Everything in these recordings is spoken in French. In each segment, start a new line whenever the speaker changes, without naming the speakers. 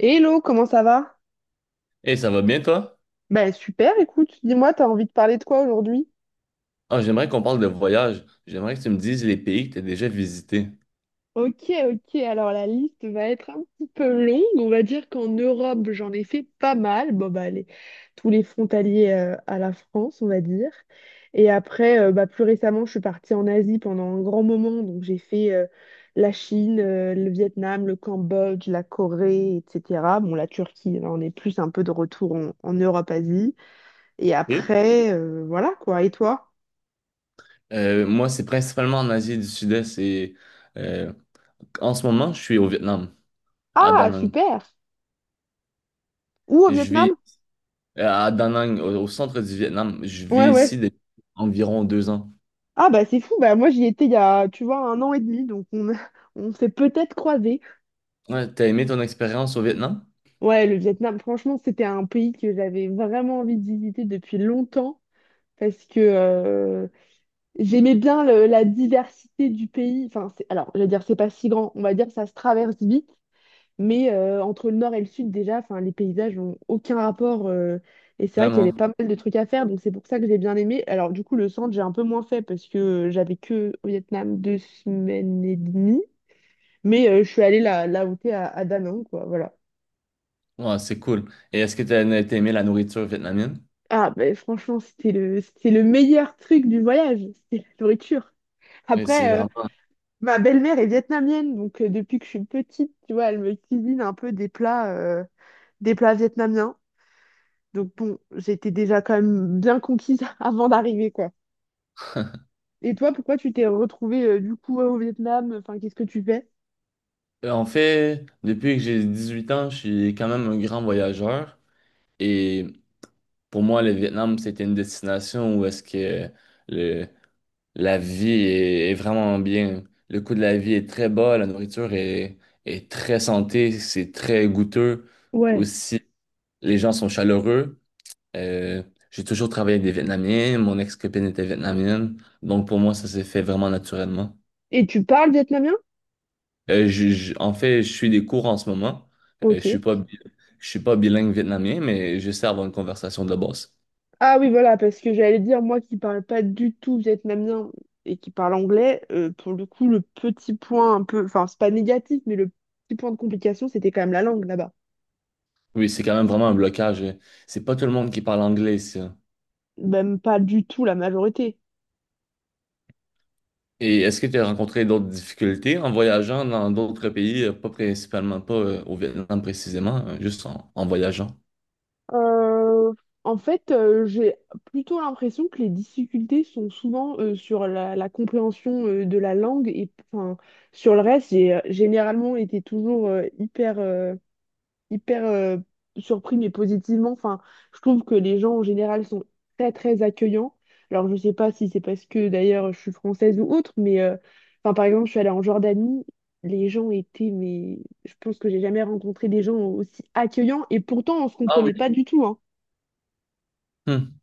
Hello, comment ça va?
Et ça va bien, toi?
Ben super, écoute, dis-moi, t'as envie de parler de quoi aujourd'hui?
Ah, j'aimerais qu'on parle de voyage. J'aimerais que tu me dises les pays que tu as déjà visités.
Ok, ok, alors la liste va être un petit peu longue. On va dire qu'en Europe, j'en ai fait pas mal. Bon, bah, tous les frontaliers à la France, on va dire. Et après, bah, plus récemment, je suis partie en Asie pendant un grand moment. Donc, j'ai fait la Chine, le Vietnam, le Cambodge, la Corée, etc. Bon, la Turquie, là, on est plus un peu de retour en Europe-Asie. Et
Et?
après, voilà quoi. Et toi?
Moi, c'est principalement en Asie du Sud-Est et euh, en ce moment, je suis au Vietnam, à Da
Ah,
Nang.
super! Où au
Je vis
Vietnam?
à Da Nang, au centre du Vietnam. Je
Ouais,
vis ici
ouais.
depuis environ 2 ans.
Ah bah c'est fou, bah moi j'y étais il y a, tu vois, un an et demi, donc on, on s'est peut-être croisés.
Ouais, t'as aimé ton expérience au Vietnam?
Ouais, le Vietnam, franchement, c'était un pays que j'avais vraiment envie de visiter depuis longtemps, parce que j'aimais bien la diversité du pays. Enfin, alors, je vais dire, c'est pas si grand, on va dire, ça se traverse vite. Mais entre le nord et le sud, déjà, enfin, les paysages n'ont aucun rapport. Et c'est vrai qu'il y avait
Vraiment.
pas mal de trucs à faire, donc c'est pour ça que j'ai bien aimé. Alors, du coup, le centre, j'ai un peu moins fait parce que j'avais que au Vietnam deux semaines et demie. Mais je suis allée là, là où t'es, à Da Nang, quoi, voilà.
Ouais, c'est cool. Et est-ce que t'as aimé la nourriture vietnamienne?
Ah, ben franchement, c'était c'était le meilleur truc du voyage, c'était la nourriture.
Oui, c'est
Après,
vraiment.
ma belle-mère est vietnamienne, donc depuis que je suis petite, tu vois, elle me cuisine un peu des plats vietnamiens. Donc bon, j'étais déjà quand même bien conquise avant d'arriver, quoi. Et toi, pourquoi tu t'es retrouvée du coup au Vietnam? Enfin, qu'est-ce que tu fais?
En fait, depuis que j'ai 18 ans, je suis quand même un grand voyageur. Et pour moi, le Vietnam, c'était une destination où est-ce que le, la vie est vraiment bien. Le coût de la vie est très bas, est très santé, c'est très goûteux.
Ouais.
Aussi, les gens sont chaleureux. Euh, j'ai toujours travaillé avec des Vietnamiens, mon ex-copine était vietnamienne, donc pour moi, ça s'est fait vraiment naturellement.
Et tu parles vietnamien?
En fait, je suis des cours en ce moment. Euh, je
Ok.
suis pas, bi- je suis pas bilingue vietnamien, mais je sais avoir une conversation de base.
Ah oui, voilà, parce que j'allais dire, moi qui parle pas du tout vietnamien et qui parle anglais, pour le coup, le petit point un peu, enfin, c'est pas négatif, mais le petit point de complication, c'était quand même la langue là-bas.
Oui, c'est quand même vraiment un blocage. C'est pas tout le monde qui parle anglais, ça.
Même pas du tout la majorité.
Et est-ce que tu as rencontré d'autres difficultés en voyageant dans d'autres pays, pas principalement, pas au Vietnam précisément, juste en voyageant?
Euh, en fait, j'ai plutôt l'impression que les difficultés sont souvent sur la compréhension de la langue et enfin, sur le reste, j'ai généralement été toujours hyper, hyper, surpris mais positivement. Enfin, je trouve que les gens en général sont très très accueillants. Alors, je sais pas si c'est parce que d'ailleurs je suis française ou autre, mais enfin, par exemple, je suis allée en Jordanie. Les gens étaient, mais je pense que j'ai jamais rencontré des gens aussi accueillants et pourtant on se
Ah oui.
comprenait pas du tout, hein.
Hmm.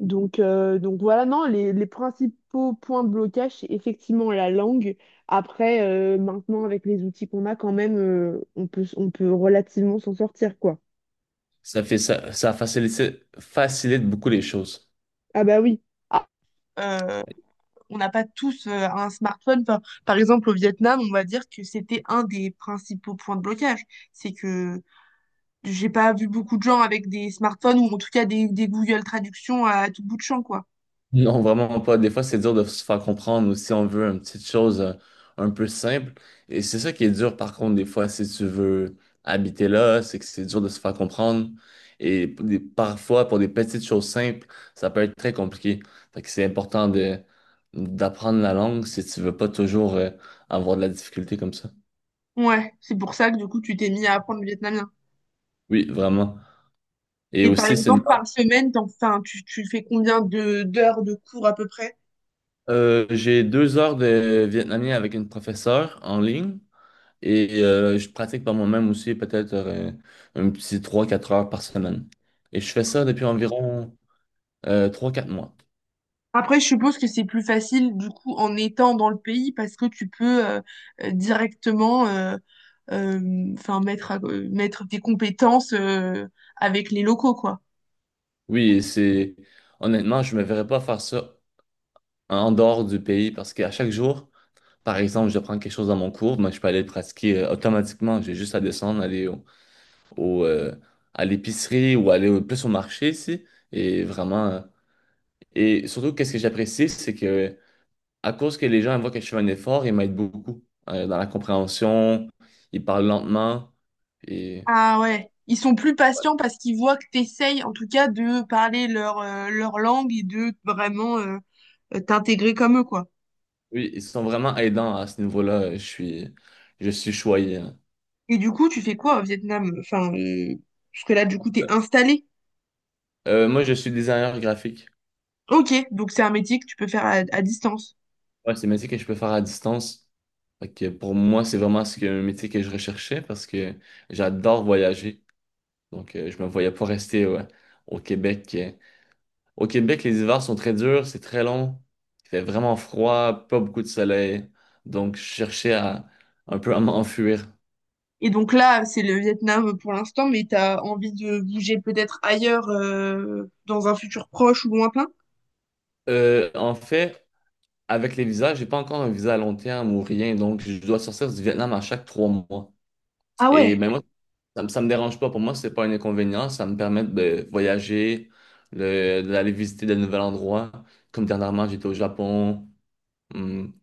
Donc voilà, non, les principaux points de blocage, c'est effectivement la langue. Après, maintenant, avec les outils qu'on a, quand même, on peut relativement s'en sortir, quoi.
Ça fait ça facilite, facilite beaucoup les choses.
Ah bah oui. Ah, euh, on n'a pas tous un smartphone. Enfin, par exemple, au Vietnam, on va dire que c'était un des principaux points de blocage. C'est que j'ai pas vu beaucoup de gens avec des smartphones ou en tout cas des Google Traductions à tout bout de champ, quoi.
Non, vraiment pas. Des fois, c'est dur de se faire comprendre ou si on veut une petite chose un peu simple. Et c'est ça qui est dur, par contre, des fois, si tu veux habiter là, c'est que c'est dur de se faire comprendre. Et parfois, pour des petites choses simples, ça peut être très compliqué. Fait que c'est important de d'apprendre la langue si tu veux pas toujours avoir de la difficulté comme ça.
Ouais, c'est pour ça que du coup, tu t'es mis à apprendre le vietnamien.
Oui, vraiment. Et
Et par
aussi,
exemple, par semaine, enfin, tu fais combien de d'heures de cours à peu près?
euh, j'ai 2 heures de vietnamien avec une professeure en ligne. Et je pratique par moi-même aussi peut-être un petit 3 4 heures par semaine. Et je fais ça depuis environ 3-4 mois.
Après, je suppose que c'est plus facile du coup en étant dans le pays parce que tu peux directement enfin, mettre tes compétences avec les locaux, quoi.
Oui, et c'est honnêtement, je ne me verrais pas faire ça en dehors du pays parce qu'à chaque jour, par exemple, je prends quelque chose dans mon cours, mais je peux aller le pratiquer automatiquement. J'ai juste à descendre, au, euh, à l'épicerie ou plus au marché ici. Et vraiment, et surtout, qu'est-ce que j'apprécie, c'est que à cause que les gens ils voient que je fais un effort, ils m'aident beaucoup dans la compréhension, ils parlent lentement et
Ah ouais. Ils sont plus patients parce qu'ils voient que t'essayes en tout cas de parler leur, leur langue et de vraiment t'intégrer comme eux, quoi.
oui, ils sont vraiment aidants à ce niveau-là. Je suis choyé, hein.
Et du coup, tu fais quoi au Vietnam? Enfin, parce que là, du coup, t'es installé.
Moi, je suis designer graphique.
Ok, donc c'est un métier que tu peux faire à distance.
Ouais, c'est un métier que je peux faire à distance. Fait que pour moi, c'est vraiment un métier que je recherchais parce que j'adore voyager. Donc, je me voyais pas rester ouais, au Québec. Au Québec, les hivers sont très durs, c'est très long, il fait vraiment froid, pas beaucoup de soleil, donc je cherchais à un peu à m'enfuir.
Et donc là, c'est le Vietnam pour l'instant, mais t'as envie de bouger peut-être ailleurs, dans un futur proche ou lointain?
En fait, avec les visas, j'ai pas encore un visa à long terme ou rien, donc je dois sortir du Vietnam à chaque 3 mois.
Ah
Et
ouais.
ben moi, ça me dérange pas. Pour moi, c'est pas un inconvénient. Ça me permet de voyager, d'aller visiter de nouveaux endroits. Comme dernièrement, j'étais au Japon. Hum.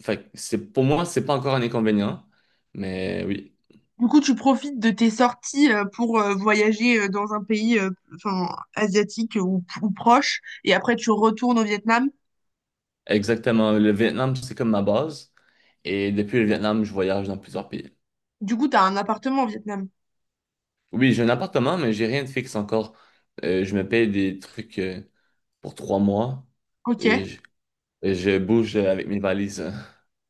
Fait que c'est pour moi, c'est pas encore un inconvénient, mais oui.
Du coup, tu profites de tes sorties pour voyager dans un pays, enfin, asiatique ou proche, et après tu retournes au Vietnam.
Exactement. Le Vietnam, c'est comme ma base. Et depuis le Vietnam, je voyage dans plusieurs pays.
Du coup, t'as un appartement au Vietnam.
Oui, j'ai un appartement, mais j'ai rien de fixe encore. Je me paye des trucs pour 3 mois
Ok.
et et je bouge avec mes valises.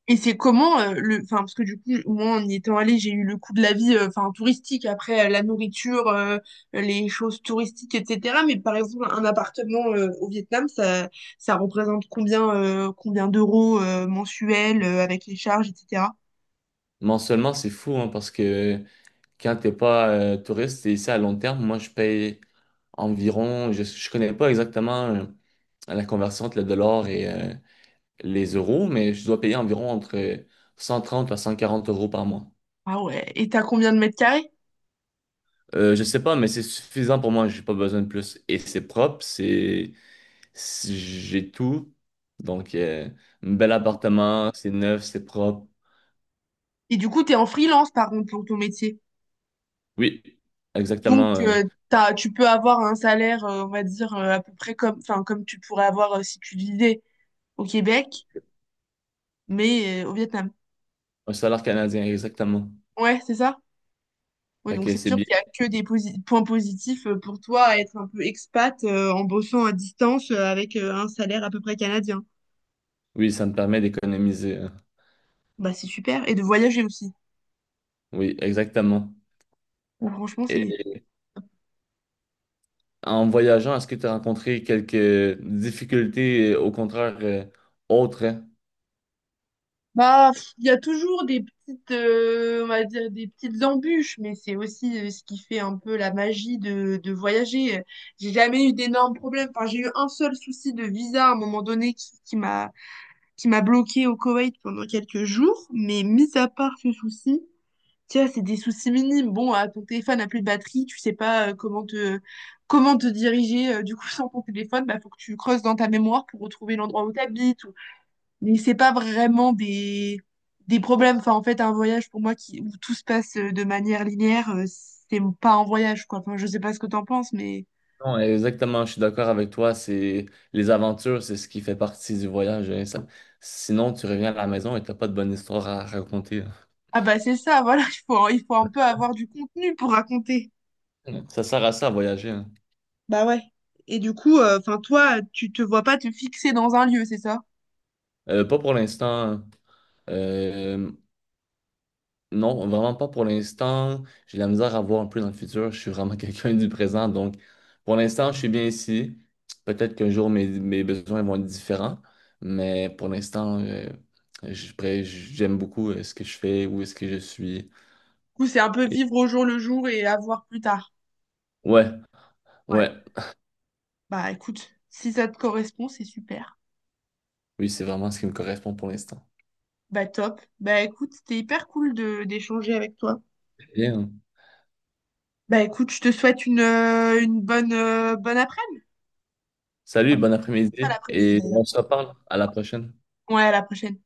Et c'est comment le, enfin parce que du coup moi en y étant allée j'ai eu le coût de la vie enfin touristique après la nourriture les choses touristiques etc mais par exemple un appartement au Vietnam ça ça représente combien combien d'euros mensuels avec les charges etc.
Mensuellement, c'est fou hein, parce que quand t'es pas touriste, et ici à long terme. Moi, je paye environ, je connais pas exactement la conversion entre le dollar et les euros, mais je dois payer environ entre 130 à 140 euros par mois.
Ah ouais et t'as combien de mètres carrés?
Je sais pas, mais c'est suffisant pour moi. J'ai pas besoin de plus. Et c'est propre, j'ai tout. Donc, un bel appartement, c'est neuf, c'est propre.
Et du coup t'es en freelance par contre pour ton métier.
Oui,
Donc,
exactement.
tu peux avoir un salaire, on va dire, à peu près comme, enfin, comme tu pourrais avoir si tu vivais au Québec, mais au Vietnam.
Un salaire canadien, exactement.
Ouais, c'est ça? Oui,
Fait
donc
que
c'est
c'est
sûr
bien.
qu'il n'y a que des points positifs pour toi à être un peu expat en bossant à distance avec un salaire à peu près canadien.
Oui, ça me permet d'économiser, hein.
Bah, c'est super. Et de voyager aussi.
Oui, exactement.
Donc, franchement, c'est
Et en voyageant, est-ce que tu as rencontré quelques difficultés, au contraire, autres, hein?
bah, pff, il y a toujours des petites, on va dire des petites embûches, mais c'est aussi ce qui fait un peu la magie de voyager. J'ai jamais eu d'énormes problèmes. Enfin, j'ai eu un seul souci de visa à un moment donné qui m'a bloqué au Koweït pendant quelques jours. Mais mis à part ce souci, tiens, c'est des soucis minimes. Bon, ah, ton téléphone n'a plus de batterie, tu sais pas comment te diriger. Du coup, sans ton téléphone, bah, faut que tu creuses dans ta mémoire pour retrouver l'endroit où tu habites mais c'est pas vraiment des problèmes. Enfin, en fait, un voyage pour moi où tout se passe de manière linéaire, c'est pas un voyage, quoi. Enfin, je sais pas ce que t'en penses, mais.
Non, exactement, je suis d'accord avec toi. C'est les aventures, c'est ce qui fait partie du voyage, hein. Sinon, tu reviens à la maison et t'as pas de bonne histoire à raconter,
Ah bah c'est ça, voilà, il faut un peu avoir du contenu pour raconter.
hein. Ça sert à ça à voyager, hein.
Bah ouais. Et du coup, enfin, toi, tu te vois pas te fixer dans un lieu, c'est ça?
Pas pour l'instant. Euh, non, vraiment pas pour l'instant. J'ai de la misère à voir un peu dans le futur. Je suis vraiment quelqu'un du présent. Donc, pour l'instant, je suis bien ici. Peut-être qu'un jour, mes besoins vont être différents. Mais pour l'instant, je- j'aime beaucoup ce que je fais, où est-ce que je suis.
Du coup, c'est un peu
Et
vivre au jour le jour et à voir plus tard.
ouais.
Ouais.
Ouais,
Bah écoute, si ça te correspond, c'est super.
oui, c'est vraiment ce qui me correspond pour l'instant.
Bah top. Bah écoute, c'était hyper cool de d'échanger avec toi.
Bien.
Bah écoute, je te souhaite une bonne, bonne après-midi.
Salut,
Ah,
bon
pas
après-midi
l'après-midi
et
d'ailleurs.
on se reparle. À la prochaine.
Ouais, à la prochaine.